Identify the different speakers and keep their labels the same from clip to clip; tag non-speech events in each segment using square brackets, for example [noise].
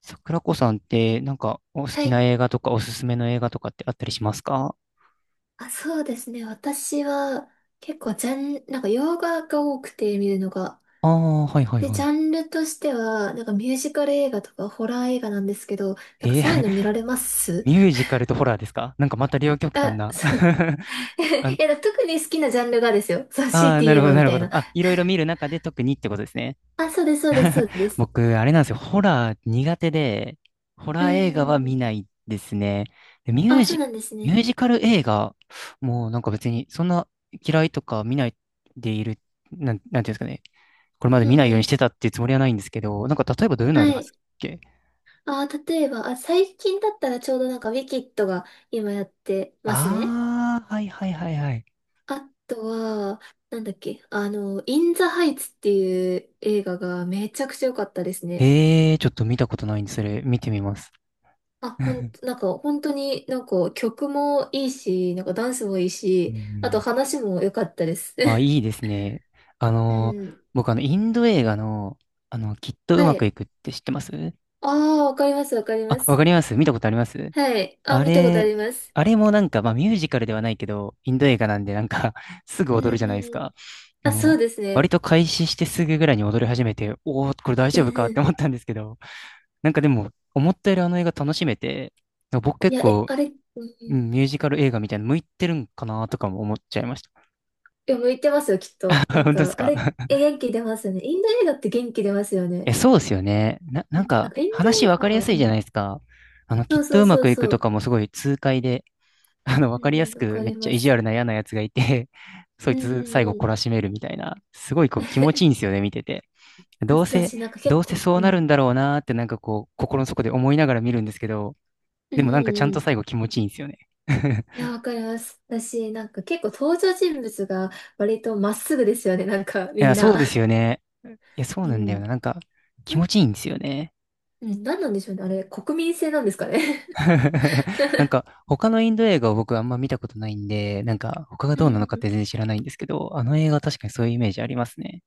Speaker 1: 桜子さんって、お好
Speaker 2: は
Speaker 1: きな
Speaker 2: い。
Speaker 1: 映画とか、おすすめの映画とかってあったりしますか？
Speaker 2: そうですね。私は結構ジャン、洋画が多くて見るのが。
Speaker 1: ああー、はいはい
Speaker 2: で、
Speaker 1: は
Speaker 2: ジャ
Speaker 1: い。
Speaker 2: ンルとしては、ミュージカル映画とかホラー映画なんですけど、なんか
Speaker 1: えー。
Speaker 2: そういうの見られま
Speaker 1: [laughs]
Speaker 2: す？
Speaker 1: ミュージカルとホラーですか？なんかまた両
Speaker 2: [laughs]
Speaker 1: 極端
Speaker 2: あ、
Speaker 1: な。
Speaker 2: そう。[laughs]
Speaker 1: [laughs] あ
Speaker 2: い
Speaker 1: の、
Speaker 2: や、だから特に好きなジャンルがですよ。そう、強
Speaker 1: あ
Speaker 2: い
Speaker 1: あ、
Speaker 2: て
Speaker 1: な
Speaker 2: 言
Speaker 1: る
Speaker 2: え
Speaker 1: ほど、
Speaker 2: ばみ
Speaker 1: なる
Speaker 2: た
Speaker 1: ほ
Speaker 2: い
Speaker 1: ど。
Speaker 2: な。[laughs]
Speaker 1: あ、いろいろ見る中で特にってことですね。
Speaker 2: あ、そうです、そうです、そ
Speaker 1: [laughs]
Speaker 2: うです。
Speaker 1: 僕、あれなんですよ。ホラー苦手で、ホ
Speaker 2: う
Speaker 1: ラー映画は見
Speaker 2: ん。
Speaker 1: ないですね。で
Speaker 2: あ、そうなんです
Speaker 1: ミュ
Speaker 2: ね。
Speaker 1: ージカル映画、もうなんか別に、そんな嫌いとか見ないでいる、なんていうんですかね。これまで
Speaker 2: うん
Speaker 1: 見ないよう
Speaker 2: う
Speaker 1: にし
Speaker 2: ん。
Speaker 1: てたっていうつもりはないんですけど、なんか例えばどういうのあ
Speaker 2: は
Speaker 1: りま
Speaker 2: い。
Speaker 1: すっけ？
Speaker 2: 例えば、最近だったらちょうどなんかウィキッドが今やってますね。
Speaker 1: ああー、はいはいはいはい。
Speaker 2: あとは、なんだっけ、あの、イン・ザ・ハイツっていう映画がめちゃくちゃ良かったですね。
Speaker 1: ええー、ちょっと見たことないんで、それ見てみます。[laughs] うん。
Speaker 2: なんか本当になんか曲もいいし、なんかダンスもいい
Speaker 1: う
Speaker 2: し、あと
Speaker 1: ん。
Speaker 2: 話も良かったです。
Speaker 1: あ、
Speaker 2: [laughs]
Speaker 1: いいですね。あ
Speaker 2: う
Speaker 1: の、
Speaker 2: ん。
Speaker 1: 僕インド映画の、きっとう
Speaker 2: は
Speaker 1: まくい
Speaker 2: い。
Speaker 1: くって知ってます
Speaker 2: ああ、わかります、わかりま
Speaker 1: あ、わ
Speaker 2: す。
Speaker 1: かります、見たことあります。
Speaker 2: はい。あ、
Speaker 1: あ
Speaker 2: 見たことあ
Speaker 1: れ、
Speaker 2: ります。
Speaker 1: あれもなんか、まあミュージカルではないけど、インド映画なんでなんか、 [laughs] すぐ
Speaker 2: う
Speaker 1: 踊るじゃないです
Speaker 2: ん。
Speaker 1: か。あ
Speaker 2: あ、そう
Speaker 1: の、
Speaker 2: です
Speaker 1: 割
Speaker 2: ね。
Speaker 1: と開始してすぐぐらいに踊り始めて、おお、これ大
Speaker 2: う
Speaker 1: 丈夫
Speaker 2: ん
Speaker 1: かっ
Speaker 2: う
Speaker 1: て思っ
Speaker 2: ん。
Speaker 1: たんですけど、なんかでも、思ったよりあの映画楽しめて、僕
Speaker 2: い
Speaker 1: 結
Speaker 2: や、え、
Speaker 1: 構、
Speaker 2: あれ、うんうん。
Speaker 1: う
Speaker 2: い
Speaker 1: ん、ミュージカル映画みたいなの向いてるんかなとかも思っちゃいました。
Speaker 2: や、向いてますよ、きっと。
Speaker 1: [laughs]
Speaker 2: な
Speaker 1: 本
Speaker 2: ん
Speaker 1: 当です
Speaker 2: か、あ
Speaker 1: か？
Speaker 2: れ、え、
Speaker 1: [laughs]
Speaker 2: 元気出ますよね。インド映画って元気出ますよ
Speaker 1: え、
Speaker 2: ね。
Speaker 1: そうですよね。なん
Speaker 2: なん
Speaker 1: か、
Speaker 2: か、エンド
Speaker 1: 話
Speaker 2: 映
Speaker 1: わかりや
Speaker 2: 画、
Speaker 1: すい
Speaker 2: う
Speaker 1: じゃな
Speaker 2: ん。
Speaker 1: いですか。き
Speaker 2: そ
Speaker 1: っ
Speaker 2: う
Speaker 1: と
Speaker 2: そう
Speaker 1: うま
Speaker 2: そう
Speaker 1: くいく
Speaker 2: そ
Speaker 1: とか
Speaker 2: う。
Speaker 1: もすごい痛快で、[laughs] わ
Speaker 2: う
Speaker 1: かりや
Speaker 2: ん、
Speaker 1: す
Speaker 2: わ
Speaker 1: く
Speaker 2: か
Speaker 1: めっ
Speaker 2: り
Speaker 1: ちゃ
Speaker 2: ま
Speaker 1: 意地
Speaker 2: す。
Speaker 1: 悪な嫌なやつがいて、[laughs] そ
Speaker 2: う
Speaker 1: い
Speaker 2: んう
Speaker 1: つ最後
Speaker 2: んう
Speaker 1: 懲
Speaker 2: ん。
Speaker 1: らしめるみたいな、すごいこう気持ちいいんです
Speaker 2: [laughs]
Speaker 1: よね、見てて。どうせ、
Speaker 2: 私、なんか結
Speaker 1: どうせ
Speaker 2: 構、
Speaker 1: そう
Speaker 2: う
Speaker 1: なる
Speaker 2: ん。
Speaker 1: んだろうなーってなんかこう、心の底で思いながら見るんですけど、
Speaker 2: う
Speaker 1: で
Speaker 2: ん
Speaker 1: も
Speaker 2: う
Speaker 1: なんかちゃ
Speaker 2: ん
Speaker 1: ん
Speaker 2: う
Speaker 1: と
Speaker 2: ん。
Speaker 1: 最後気持ちいいんですよね。[laughs]
Speaker 2: いや、わかります。私、なんか結構登場人物が割とまっすぐですよね、なんか、
Speaker 1: い
Speaker 2: み
Speaker 1: や、
Speaker 2: ん
Speaker 1: そう
Speaker 2: な。
Speaker 1: ですよね。いや、そう
Speaker 2: う
Speaker 1: なんだよ
Speaker 2: ん。
Speaker 1: な。なんか、気
Speaker 2: うん、
Speaker 1: 持ちいいんですよね。
Speaker 2: うん、なんなんでしょうね、あれ、国民性なんですかね。
Speaker 1: [laughs] なんか、他のインド映画を僕あんま見たことないんで、なんか、他
Speaker 2: [laughs]
Speaker 1: が
Speaker 2: う
Speaker 1: どうなのかっ
Speaker 2: ん。
Speaker 1: て全然知らないんですけど、あの映画確かにそういうイメージありますね。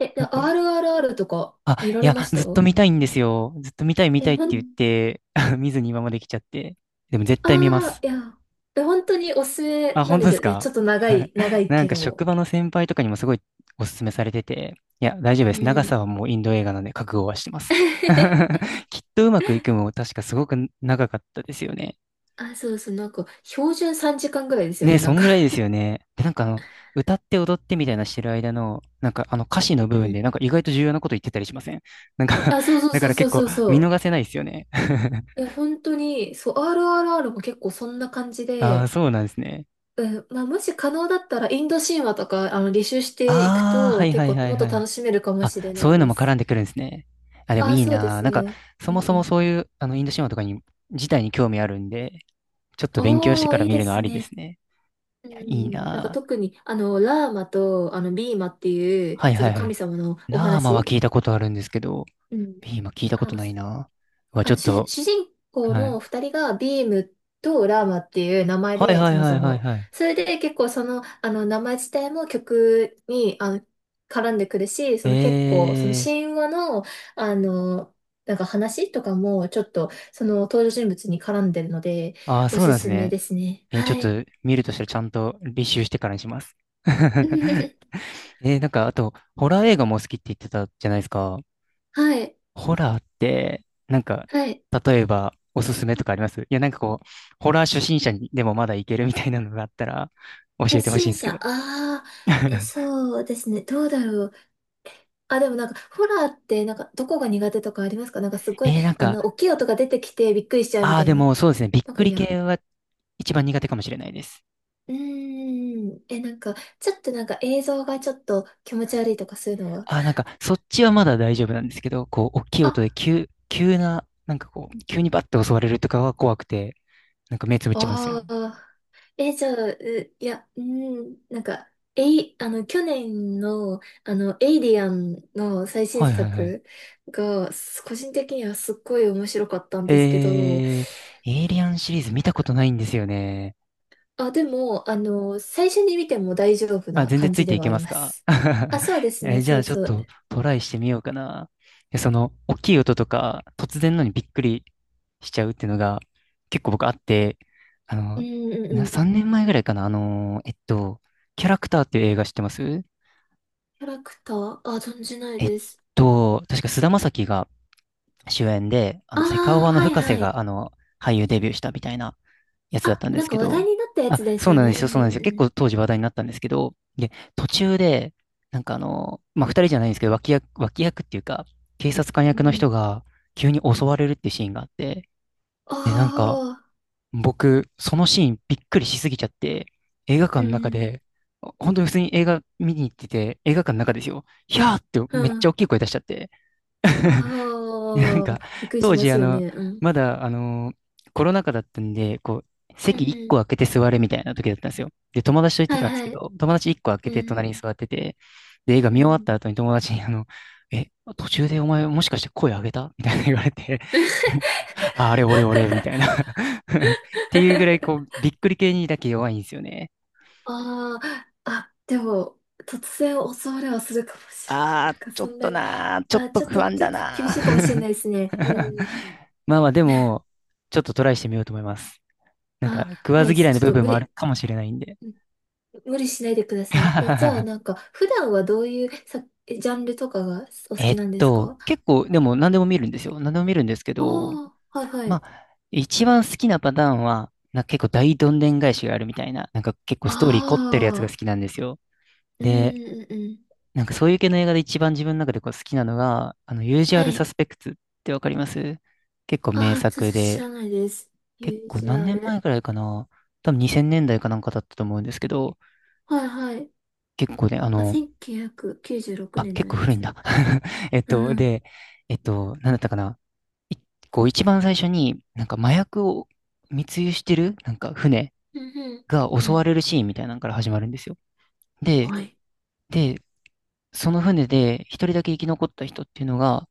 Speaker 2: え、で
Speaker 1: なんか、
Speaker 2: RRR とか
Speaker 1: あ、
Speaker 2: 見ら
Speaker 1: い
Speaker 2: れ
Speaker 1: や、
Speaker 2: まし
Speaker 1: ず
Speaker 2: た？
Speaker 1: っと見たいんですよ。ずっと見たい見
Speaker 2: え、
Speaker 1: たいって
Speaker 2: ほ
Speaker 1: 言っ
Speaker 2: ん、
Speaker 1: て、[laughs] 見ずに今まで来ちゃって。でも絶対見ま
Speaker 2: ああ、
Speaker 1: す。
Speaker 2: いや、え、本当におすすめ
Speaker 1: あ、
Speaker 2: な
Speaker 1: 本
Speaker 2: んで
Speaker 1: 当で
Speaker 2: す
Speaker 1: す
Speaker 2: よ。
Speaker 1: か？
Speaker 2: ちょっと
Speaker 1: [laughs]
Speaker 2: 長い
Speaker 1: なん
Speaker 2: け
Speaker 1: か職
Speaker 2: ど。
Speaker 1: 場の先輩とかにもすごいおすすめされてて、いや、大丈夫
Speaker 2: う
Speaker 1: です。長さ
Speaker 2: ん。
Speaker 1: はもうインド映画なんで覚悟はしてます。
Speaker 2: [laughs]
Speaker 1: [laughs] きっとうまくいくも確かすごく長かったですよね。
Speaker 2: なんか、標準3時間ぐらいですよ
Speaker 1: ねえ、
Speaker 2: ね、な
Speaker 1: そ
Speaker 2: ん
Speaker 1: ん
Speaker 2: か。
Speaker 1: ぐらいですよね。で、なんか歌って踊ってみたいなしてる間の、なんかあの歌詞の部
Speaker 2: う
Speaker 1: 分
Speaker 2: ん。
Speaker 1: でなんか意外と重要なこと言ってたりしません？ [laughs] なん
Speaker 2: [laughs]
Speaker 1: か、
Speaker 2: あ、
Speaker 1: [laughs]
Speaker 2: そうそう
Speaker 1: だか
Speaker 2: そう
Speaker 1: ら
Speaker 2: そ
Speaker 1: 結
Speaker 2: うそ
Speaker 1: 構
Speaker 2: うそ
Speaker 1: 見
Speaker 2: う。
Speaker 1: 逃せないですよね。
Speaker 2: いや、本当に、そう、RRR も結構そんな感じ
Speaker 1: [laughs] ああ、
Speaker 2: で、
Speaker 1: そうなんですね。
Speaker 2: うん、まあ、もし可能だったら、インド神話とか、履修していく
Speaker 1: ああ、は
Speaker 2: と、
Speaker 1: い
Speaker 2: 結
Speaker 1: はい
Speaker 2: 構、
Speaker 1: はい
Speaker 2: もっと
Speaker 1: はい。
Speaker 2: 楽しめるかも
Speaker 1: あ、
Speaker 2: しれな
Speaker 1: そうい
Speaker 2: い
Speaker 1: うの
Speaker 2: で
Speaker 1: も絡
Speaker 2: す。
Speaker 1: んでくるんですね。あ、でも
Speaker 2: あ、
Speaker 1: いい
Speaker 2: そうで
Speaker 1: なぁ。
Speaker 2: す
Speaker 1: なんか、
Speaker 2: ね。
Speaker 1: そ
Speaker 2: う
Speaker 1: も
Speaker 2: ん
Speaker 1: そ
Speaker 2: う
Speaker 1: も
Speaker 2: ん。
Speaker 1: そういう、インド神話とかに、自体に興味あるんで、ちょっと勉強して
Speaker 2: ああ、
Speaker 1: から
Speaker 2: いい
Speaker 1: 見
Speaker 2: で
Speaker 1: るのあ
Speaker 2: す
Speaker 1: りです
Speaker 2: ね。
Speaker 1: ね。
Speaker 2: う
Speaker 1: い
Speaker 2: ん
Speaker 1: や、
Speaker 2: う
Speaker 1: い
Speaker 2: ん。
Speaker 1: い
Speaker 2: うん、なんか
Speaker 1: なぁ。
Speaker 2: 特に、ラーマと、ビーマってい
Speaker 1: は
Speaker 2: う、
Speaker 1: い
Speaker 2: ちょ
Speaker 1: は
Speaker 2: っ
Speaker 1: い
Speaker 2: と
Speaker 1: はい。
Speaker 2: 神様のお
Speaker 1: ラーマは
Speaker 2: 話。
Speaker 1: 聞いたことあるんですけど、
Speaker 2: うん。
Speaker 1: ビーマ聞いた
Speaker 2: あ、
Speaker 1: こ
Speaker 2: なん
Speaker 1: と
Speaker 2: か
Speaker 1: ないなぁ。うわ、ちょっと、
Speaker 2: 主人公
Speaker 1: はい。
Speaker 2: の二人がビームとラーマっていう名前
Speaker 1: はい
Speaker 2: で、
Speaker 1: は
Speaker 2: そ
Speaker 1: い
Speaker 2: も
Speaker 1: は
Speaker 2: そ
Speaker 1: いはい
Speaker 2: も。
Speaker 1: はい。
Speaker 2: それで結構その、名前自体も曲に、絡んでくるし、その結構、その
Speaker 1: え
Speaker 2: 神話の、あの、なんか話とかも、ちょっと、その登場人物に絡んでるので、
Speaker 1: ー、ああ、
Speaker 2: お
Speaker 1: そう
Speaker 2: す
Speaker 1: なんです
Speaker 2: すめ
Speaker 1: ね。
Speaker 2: ですね。
Speaker 1: えー、ちょっ
Speaker 2: は
Speaker 1: と
Speaker 2: い。
Speaker 1: 見るとしたらちゃんと履修してからにします。[laughs]
Speaker 2: [laughs]
Speaker 1: えー、なんか、あと、ホラー映画も好きって言ってたじゃないですか。
Speaker 2: はい。
Speaker 1: ホラーって、なんか、
Speaker 2: はい。
Speaker 1: 例えば、おすすめとかありますいや、なんかこう、ホラー初心者にでもまだいけるみたいなのがあったら、教
Speaker 2: 初
Speaker 1: えてほしいん
Speaker 2: 心
Speaker 1: ですけ
Speaker 2: 者、
Speaker 1: ど。
Speaker 2: ああ、
Speaker 1: [laughs]
Speaker 2: そうですね。どうだろう。あ、でもなんか、ホラーって、なんか、どこが苦手とかありますか？なんか、すごい、
Speaker 1: えー、なんか、
Speaker 2: 大きい音が出てきてびっくりしちゃうみ
Speaker 1: あ
Speaker 2: た
Speaker 1: あ、
Speaker 2: い
Speaker 1: で
Speaker 2: な。
Speaker 1: もそうですね、びっ
Speaker 2: なんか
Speaker 1: くり
Speaker 2: 嫌。
Speaker 1: 系は一番苦手かもしれないです。
Speaker 2: うーん。え、なんか、ちょっとなんか映像がちょっと気持ち悪いとかそういうのは？
Speaker 1: ああ、なんか、そっちはまだ大丈夫なんですけど、こう、大きい
Speaker 2: あ、
Speaker 1: 音で急な、なんかこう、急にバッて襲われるとかは怖くて、なんか目つぶっちゃうんですよね。
Speaker 2: ああ。え、じゃあ、ういや、うーん、なんか、えい、あの、去年の、エイリアンの最新
Speaker 1: はいはいはい。
Speaker 2: 作が、個人的にはすっごい面白かったん
Speaker 1: えー、
Speaker 2: ですけど、
Speaker 1: エイリアンシリーズ見たことないんですよね。
Speaker 2: あ、でも、最初に見ても大丈夫
Speaker 1: あ、
Speaker 2: な
Speaker 1: 全然
Speaker 2: 感
Speaker 1: つい
Speaker 2: じ
Speaker 1: て
Speaker 2: で
Speaker 1: い
Speaker 2: は
Speaker 1: け
Speaker 2: あ
Speaker 1: ま
Speaker 2: り
Speaker 1: す
Speaker 2: ま
Speaker 1: か？
Speaker 2: す。あ、
Speaker 1: [laughs]
Speaker 2: そうですね、
Speaker 1: え、じゃ
Speaker 2: そう
Speaker 1: あちょっ
Speaker 2: そう。
Speaker 1: とトライしてみようかな。え、その、大きい音とか、突然のにびっくりしちゃうっていうのが、結構僕あって、あ
Speaker 2: う
Speaker 1: の、
Speaker 2: んうんうん。
Speaker 1: 3年前ぐらいかな、キャラクターっていう映画知ってます
Speaker 2: キャラクター？あ、存じない
Speaker 1: えっ
Speaker 2: です。
Speaker 1: 確か菅田将暉が主演で、
Speaker 2: あ
Speaker 1: セカオ
Speaker 2: あ、
Speaker 1: ワの
Speaker 2: はい
Speaker 1: 深瀬
Speaker 2: は
Speaker 1: が、
Speaker 2: い。
Speaker 1: 俳優デビューしたみたいなやつだっ
Speaker 2: あ、
Speaker 1: たんで
Speaker 2: なん
Speaker 1: す
Speaker 2: か
Speaker 1: け
Speaker 2: 話
Speaker 1: ど、
Speaker 2: 題になったや
Speaker 1: あ、
Speaker 2: つで
Speaker 1: そ
Speaker 2: す
Speaker 1: う
Speaker 2: よ
Speaker 1: なん
Speaker 2: ね。
Speaker 1: で
Speaker 2: う
Speaker 1: すよ、そうなんで
Speaker 2: ん
Speaker 1: す
Speaker 2: う
Speaker 1: よ。
Speaker 2: んう
Speaker 1: 結
Speaker 2: ん。
Speaker 1: 構当時話題になったんですけど、で、途中で、なんかまあ、二人じゃないんですけど、脇役っていうか、警察官
Speaker 2: う
Speaker 1: 役の
Speaker 2: ん。
Speaker 1: 人が急に襲われるってシーンがあって、
Speaker 2: あ
Speaker 1: で、なんか、
Speaker 2: あ、
Speaker 1: 僕、そのシーンびっくりしすぎちゃって、映画館
Speaker 2: う
Speaker 1: の中
Speaker 2: ん。
Speaker 1: で、本当に普通に映画見に行ってて、映画館の中ですよ、ひゃーって
Speaker 2: う
Speaker 1: めっちゃ大
Speaker 2: ん。
Speaker 1: きい声出しちゃって、[laughs] なん
Speaker 2: あ
Speaker 1: か、
Speaker 2: あ、びっくりし
Speaker 1: 当
Speaker 2: ま
Speaker 1: 時、
Speaker 2: すよね。うん。
Speaker 1: まだ、コロナ禍だったんで、こう、
Speaker 2: うん
Speaker 1: 席1
Speaker 2: う
Speaker 1: 個
Speaker 2: ん。
Speaker 1: 空けて座れみたいな時だったんですよ。で、友達と行って
Speaker 2: はい
Speaker 1: たんですけ
Speaker 2: はい。
Speaker 1: ど、友達1個空け
Speaker 2: う
Speaker 1: て隣
Speaker 2: ん
Speaker 1: に座ってて、で、映画
Speaker 2: う
Speaker 1: 見終わっ
Speaker 2: ん。
Speaker 1: た後に友達に、え、途中でお前もしかして声上げたみたいな、 [laughs] 言われて、
Speaker 2: [laughs]
Speaker 1: [laughs] あ、あれ俺俺みたいな。 [laughs] っていうぐらい、こう、びっくり系にだけ弱いんですよね。
Speaker 2: ああ、あ、でも、突然襲われはするかもしれな
Speaker 1: あ
Speaker 2: い。なんかそんなに、あ、ちょっと、ちょっと厳
Speaker 1: あ、
Speaker 2: しいかもしれないですね。う
Speaker 1: [laughs]
Speaker 2: ん。
Speaker 1: まあまあ、でも、ちょっとトライしてみようと思います。なんか、
Speaker 2: あ、
Speaker 1: 食わ
Speaker 2: は
Speaker 1: ず
Speaker 2: い。
Speaker 1: 嫌い
Speaker 2: ち
Speaker 1: の
Speaker 2: ょっ
Speaker 1: 部
Speaker 2: と
Speaker 1: 分
Speaker 2: 無
Speaker 1: もある
Speaker 2: 理、
Speaker 1: かもしれないんで。
Speaker 2: うん無理しないでください。え、じゃあ、
Speaker 1: [laughs]
Speaker 2: なんか、普段はどういうジャンルとかがお好きなんですか？
Speaker 1: 結構、でも何でも見るんですよ。何でも見るんですけど、
Speaker 2: ああー、はいは
Speaker 1: ま
Speaker 2: い。
Speaker 1: あ、一番好きなパターンは、なんか結構大どんでん返しがあるみたいな、なんか結構ストーリー凝ってるやつが
Speaker 2: あ
Speaker 1: 好
Speaker 2: あ、
Speaker 1: きなんですよ。
Speaker 2: うん
Speaker 1: で、
Speaker 2: うんうん。
Speaker 1: なんかそういう系の映画で一番自分の中でこう好きなのが、ユージュア
Speaker 2: は
Speaker 1: ルサ
Speaker 2: い。
Speaker 1: スペクツってわかります？結構名
Speaker 2: ああ、ちょっ
Speaker 1: 作
Speaker 2: と知
Speaker 1: で、
Speaker 2: らないです。
Speaker 1: 結
Speaker 2: ユー
Speaker 1: 構
Speaker 2: ジ
Speaker 1: 何
Speaker 2: ュア
Speaker 1: 年前
Speaker 2: ル。
Speaker 1: くらいかな、多分2000年代かなんかだったと思うんですけど、
Speaker 2: はいはい。
Speaker 1: 結構ね、
Speaker 2: あ、1996
Speaker 1: あ、
Speaker 2: 年
Speaker 1: 結
Speaker 2: の
Speaker 1: 構
Speaker 2: や
Speaker 1: 古いん
Speaker 2: つ。
Speaker 1: だ。[laughs] えっ
Speaker 2: うん
Speaker 1: と、
Speaker 2: うん。
Speaker 1: で、えっと、なんだったかな、いこう一番最初になんか麻薬を密輸してるなんか船
Speaker 2: うんうん。
Speaker 1: が
Speaker 2: う
Speaker 1: 襲わ
Speaker 2: ん。
Speaker 1: れるシーンみたいなのから始まるんですよ。で、
Speaker 2: はい。
Speaker 1: で、その船で一人だけ生き残った人っていうのが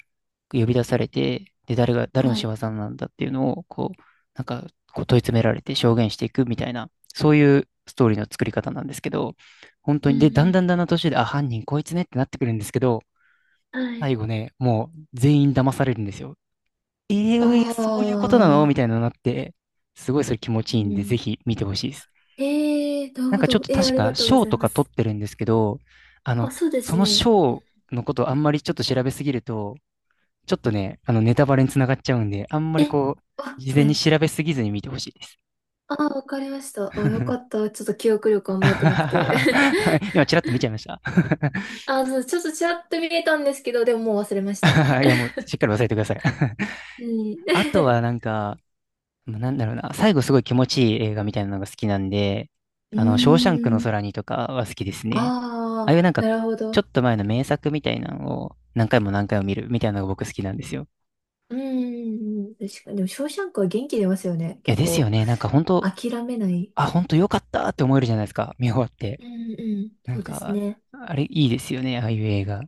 Speaker 1: 呼び出されて、で、誰が、誰の
Speaker 2: は
Speaker 1: 仕業
Speaker 2: い。
Speaker 1: なんだっていうのを、こう、なんか、こう問い詰められて証言していくみたいな、そういうストーリーの作り方なんですけど、本当
Speaker 2: う
Speaker 1: に、で、だんだ
Speaker 2: ん
Speaker 1: んだんだん途中で、あ、犯人こいつねってなってくるんですけど、
Speaker 2: うん。はい。
Speaker 1: 最後ね、もう全員騙されるんですよ。え
Speaker 2: あ
Speaker 1: え、そういうことなのみ
Speaker 2: あ。
Speaker 1: たいなのになって、すごいそれ気持ち
Speaker 2: う
Speaker 1: いいんで、ぜ
Speaker 2: ん。
Speaker 1: ひ見てほしいです。
Speaker 2: ええー、なる
Speaker 1: なん
Speaker 2: ほ
Speaker 1: かちょっ
Speaker 2: ど。
Speaker 1: と
Speaker 2: えー、あ
Speaker 1: 確
Speaker 2: り
Speaker 1: か
Speaker 2: がとうご
Speaker 1: 賞
Speaker 2: ざい
Speaker 1: と
Speaker 2: ま
Speaker 1: か取
Speaker 2: す。
Speaker 1: ってるんですけど、あの、
Speaker 2: あ、そうで
Speaker 1: そ
Speaker 2: す
Speaker 1: の
Speaker 2: ね。う
Speaker 1: 賞
Speaker 2: ん。
Speaker 1: のことあんまりちょっと調べすぎると、ちょっとね、ネタバレにつながっちゃうんで、あんまり
Speaker 2: え、
Speaker 1: こう、
Speaker 2: あ、
Speaker 1: 事前
Speaker 2: は
Speaker 1: に
Speaker 2: い。
Speaker 1: 調べすぎずに見てほしいです。
Speaker 2: あー、わかりました。あ、よかった。ちょっと記憶力あんま良くなくて。[laughs]
Speaker 1: [laughs] 今、ちらっと見ちゃいました。
Speaker 2: あ、そう、ちょっとちらっと見えたんですけど、でももう忘れました。
Speaker 1: [laughs] いや、もう、しっかり忘れてください。[laughs]
Speaker 2: うん。
Speaker 1: あとはなんか、まあなんだろうな、最後すごい気持ちいい映画みたいなのが好きなんで、
Speaker 2: [laughs] う
Speaker 1: ショーシャンクの
Speaker 2: ーん。
Speaker 1: 空にとかは好きですね。
Speaker 2: あ
Speaker 1: ああいうなん
Speaker 2: あ、
Speaker 1: か、
Speaker 2: なるほ
Speaker 1: ちょ
Speaker 2: ど。
Speaker 1: っと前の名作みたいなのを何回も何回も見るみたいなのが僕好きなんですよ。
Speaker 2: うーん。確かに。でも、ショーシャンクは元気出ますよね。
Speaker 1: いや、
Speaker 2: 結
Speaker 1: ですよ
Speaker 2: 構、
Speaker 1: ね。なんか本当、
Speaker 2: 諦めない。
Speaker 1: あ、本当よかったって思えるじゃないですか。見終わって。
Speaker 2: うんうん。
Speaker 1: な
Speaker 2: そ
Speaker 1: ん
Speaker 2: うです
Speaker 1: か、
Speaker 2: ね。
Speaker 1: あれいいですよね。ああいう映画。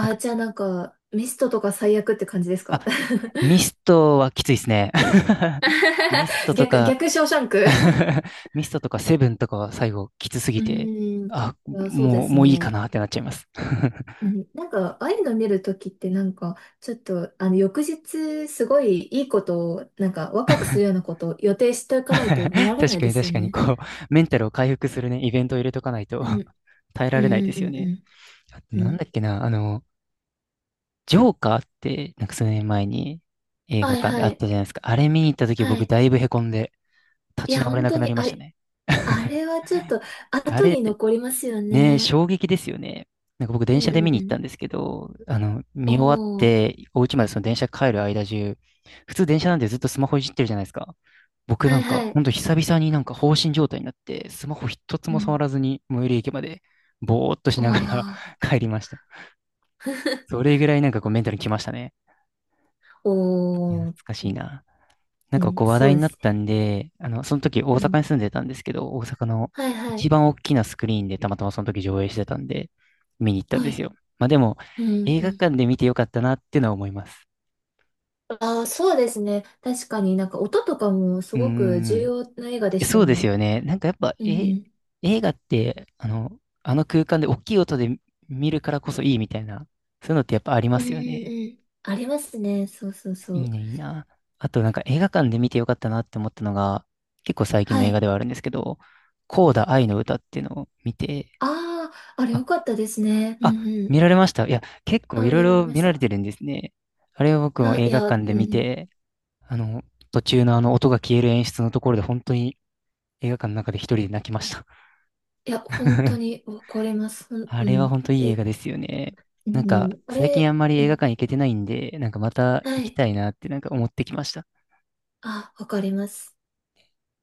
Speaker 1: なん
Speaker 2: あ、
Speaker 1: か、
Speaker 2: じゃあなんか、ミストとか最悪って感じです
Speaker 1: あ、
Speaker 2: か？ [laughs]
Speaker 1: ミストはきついですね。[laughs] ミス
Speaker 2: [laughs]
Speaker 1: トと
Speaker 2: 逆、
Speaker 1: か
Speaker 2: 逆ショーシャン
Speaker 1: [laughs]
Speaker 2: ク。
Speaker 1: ミストとかセブンとかは最後きつす
Speaker 2: う
Speaker 1: ぎて、
Speaker 2: ーん。い
Speaker 1: あ、
Speaker 2: や、そうです
Speaker 1: もういいか
Speaker 2: ね。
Speaker 1: なってなっちゃいます。[laughs]
Speaker 2: うん、なんか、ああいうの見るときって、なんか、ちょっと、翌日、すごいいいことを、なんか、ワクワクするようなことを予定しておかないと見ら
Speaker 1: [laughs]
Speaker 2: れな
Speaker 1: 確
Speaker 2: い
Speaker 1: か
Speaker 2: で
Speaker 1: に
Speaker 2: すよ
Speaker 1: 確かに、
Speaker 2: ね。
Speaker 1: こう、メンタルを回復するね、イベントを入れとかないと
Speaker 2: うん。
Speaker 1: [laughs] 耐え
Speaker 2: う
Speaker 1: られない
Speaker 2: ん
Speaker 1: で
Speaker 2: う
Speaker 1: す
Speaker 2: ん
Speaker 1: よ
Speaker 2: う
Speaker 1: ね。
Speaker 2: ん
Speaker 1: あと
Speaker 2: う
Speaker 1: なん
Speaker 2: ん。
Speaker 1: だっけな、ジョーカーって、なんか数年前に映
Speaker 2: は
Speaker 1: 画
Speaker 2: い
Speaker 1: 館で
Speaker 2: は
Speaker 1: あっ
Speaker 2: い。
Speaker 1: たじゃないですか。あれ見に行った時
Speaker 2: は
Speaker 1: 僕
Speaker 2: い。
Speaker 1: だいぶへこんで
Speaker 2: い
Speaker 1: 立ち
Speaker 2: や、
Speaker 1: 直れ
Speaker 2: 本
Speaker 1: なく
Speaker 2: 当
Speaker 1: な
Speaker 2: に、
Speaker 1: りましたね。
Speaker 2: あれはちょっと、
Speaker 1: あ
Speaker 2: 後
Speaker 1: れ、
Speaker 2: に残りますよ
Speaker 1: ねえ、
Speaker 2: ね。
Speaker 1: 衝撃ですよね。なんか僕
Speaker 2: う
Speaker 1: 電
Speaker 2: ん
Speaker 1: 車
Speaker 2: う
Speaker 1: で見
Speaker 2: んう
Speaker 1: に行っ
Speaker 2: ん。
Speaker 1: たんですけど、
Speaker 2: お
Speaker 1: 見終わっ
Speaker 2: お。
Speaker 1: て、お家までその電車帰る間中、普通電車なんでずっとスマホいじってるじゃないですか。僕
Speaker 2: は
Speaker 1: な
Speaker 2: い
Speaker 1: んか、
Speaker 2: は
Speaker 1: ほ
Speaker 2: い。
Speaker 1: んと久々になんか放心状態になって、スマホ一つ
Speaker 2: う
Speaker 1: も触
Speaker 2: ん。
Speaker 1: らずに最寄り駅まで、ぼーっと
Speaker 2: お
Speaker 1: しながら
Speaker 2: お。
Speaker 1: [laughs] 帰りました。そ
Speaker 2: [laughs]
Speaker 1: れぐらいなんかこうメンタルきましたね。
Speaker 2: お
Speaker 1: いや
Speaker 2: ー、
Speaker 1: 懐かしいな。なん
Speaker 2: う
Speaker 1: か
Speaker 2: ん、
Speaker 1: こう話
Speaker 2: そう
Speaker 1: 題
Speaker 2: で
Speaker 1: になっ
Speaker 2: す。
Speaker 1: たんで、その
Speaker 2: う
Speaker 1: 時大
Speaker 2: ん。
Speaker 1: 阪に住んでたんですけど、大阪の
Speaker 2: はいは
Speaker 1: 一
Speaker 2: い。
Speaker 1: 番大きなスクリーンでたまたまその時上映してたんで、見に行ったん
Speaker 2: は
Speaker 1: です
Speaker 2: い。
Speaker 1: よ。まあでも、
Speaker 2: うん
Speaker 1: 映
Speaker 2: う
Speaker 1: 画
Speaker 2: ん。
Speaker 1: 館で見てよかったなっていうのは思います。
Speaker 2: ああ、そうですね。確かになんか音とかもす
Speaker 1: うー
Speaker 2: ごく重
Speaker 1: ん。
Speaker 2: 要な映画でした
Speaker 1: そ
Speaker 2: よ
Speaker 1: うです
Speaker 2: ね。
Speaker 1: よね。なんかやっぱ、
Speaker 2: うんう
Speaker 1: え、
Speaker 2: ん。
Speaker 1: 映画って、あの空間で大きい音で見るからこそいいみたいな、そういうのってやっぱありま
Speaker 2: うんうん
Speaker 1: す
Speaker 2: う
Speaker 1: よね。
Speaker 2: んうん。ありますね。そうそうそ
Speaker 1: いい
Speaker 2: う。
Speaker 1: ね、いいな。あとなんか映画館で見てよかったなって思ったのが、結構最近
Speaker 2: は
Speaker 1: の映画
Speaker 2: い。
Speaker 1: ではあるんですけど、コーダ愛の歌っていうのを見て、
Speaker 2: ああ、あれ
Speaker 1: あ、
Speaker 2: 良かったですね。う
Speaker 1: あ、
Speaker 2: んうん。
Speaker 1: 見られましたいや、結構
Speaker 2: あ、
Speaker 1: いろい
Speaker 2: 見られ
Speaker 1: ろ
Speaker 2: ま
Speaker 1: 見
Speaker 2: し
Speaker 1: られ
Speaker 2: た。
Speaker 1: てるんですね。あれを僕も映画
Speaker 2: う
Speaker 1: 館で
Speaker 2: ん
Speaker 1: 見
Speaker 2: うん。
Speaker 1: て、あの、途中のあの音が消える演出のところで本当に映画館の中で一人で泣きました。
Speaker 2: いや、本当にわかります。
Speaker 1: あ
Speaker 2: う
Speaker 1: れは
Speaker 2: ん。
Speaker 1: 本当いい映
Speaker 2: え、
Speaker 1: 画ですよね。
Speaker 2: う
Speaker 1: なんか
Speaker 2: ん。あ
Speaker 1: 最近あ
Speaker 2: れ、
Speaker 1: んまり
Speaker 2: う
Speaker 1: 映画
Speaker 2: ん。
Speaker 1: 館行けてないんで、なんかまた
Speaker 2: は
Speaker 1: 行き
Speaker 2: い。
Speaker 1: たいなってなんか思ってきました。
Speaker 2: あ、わかります。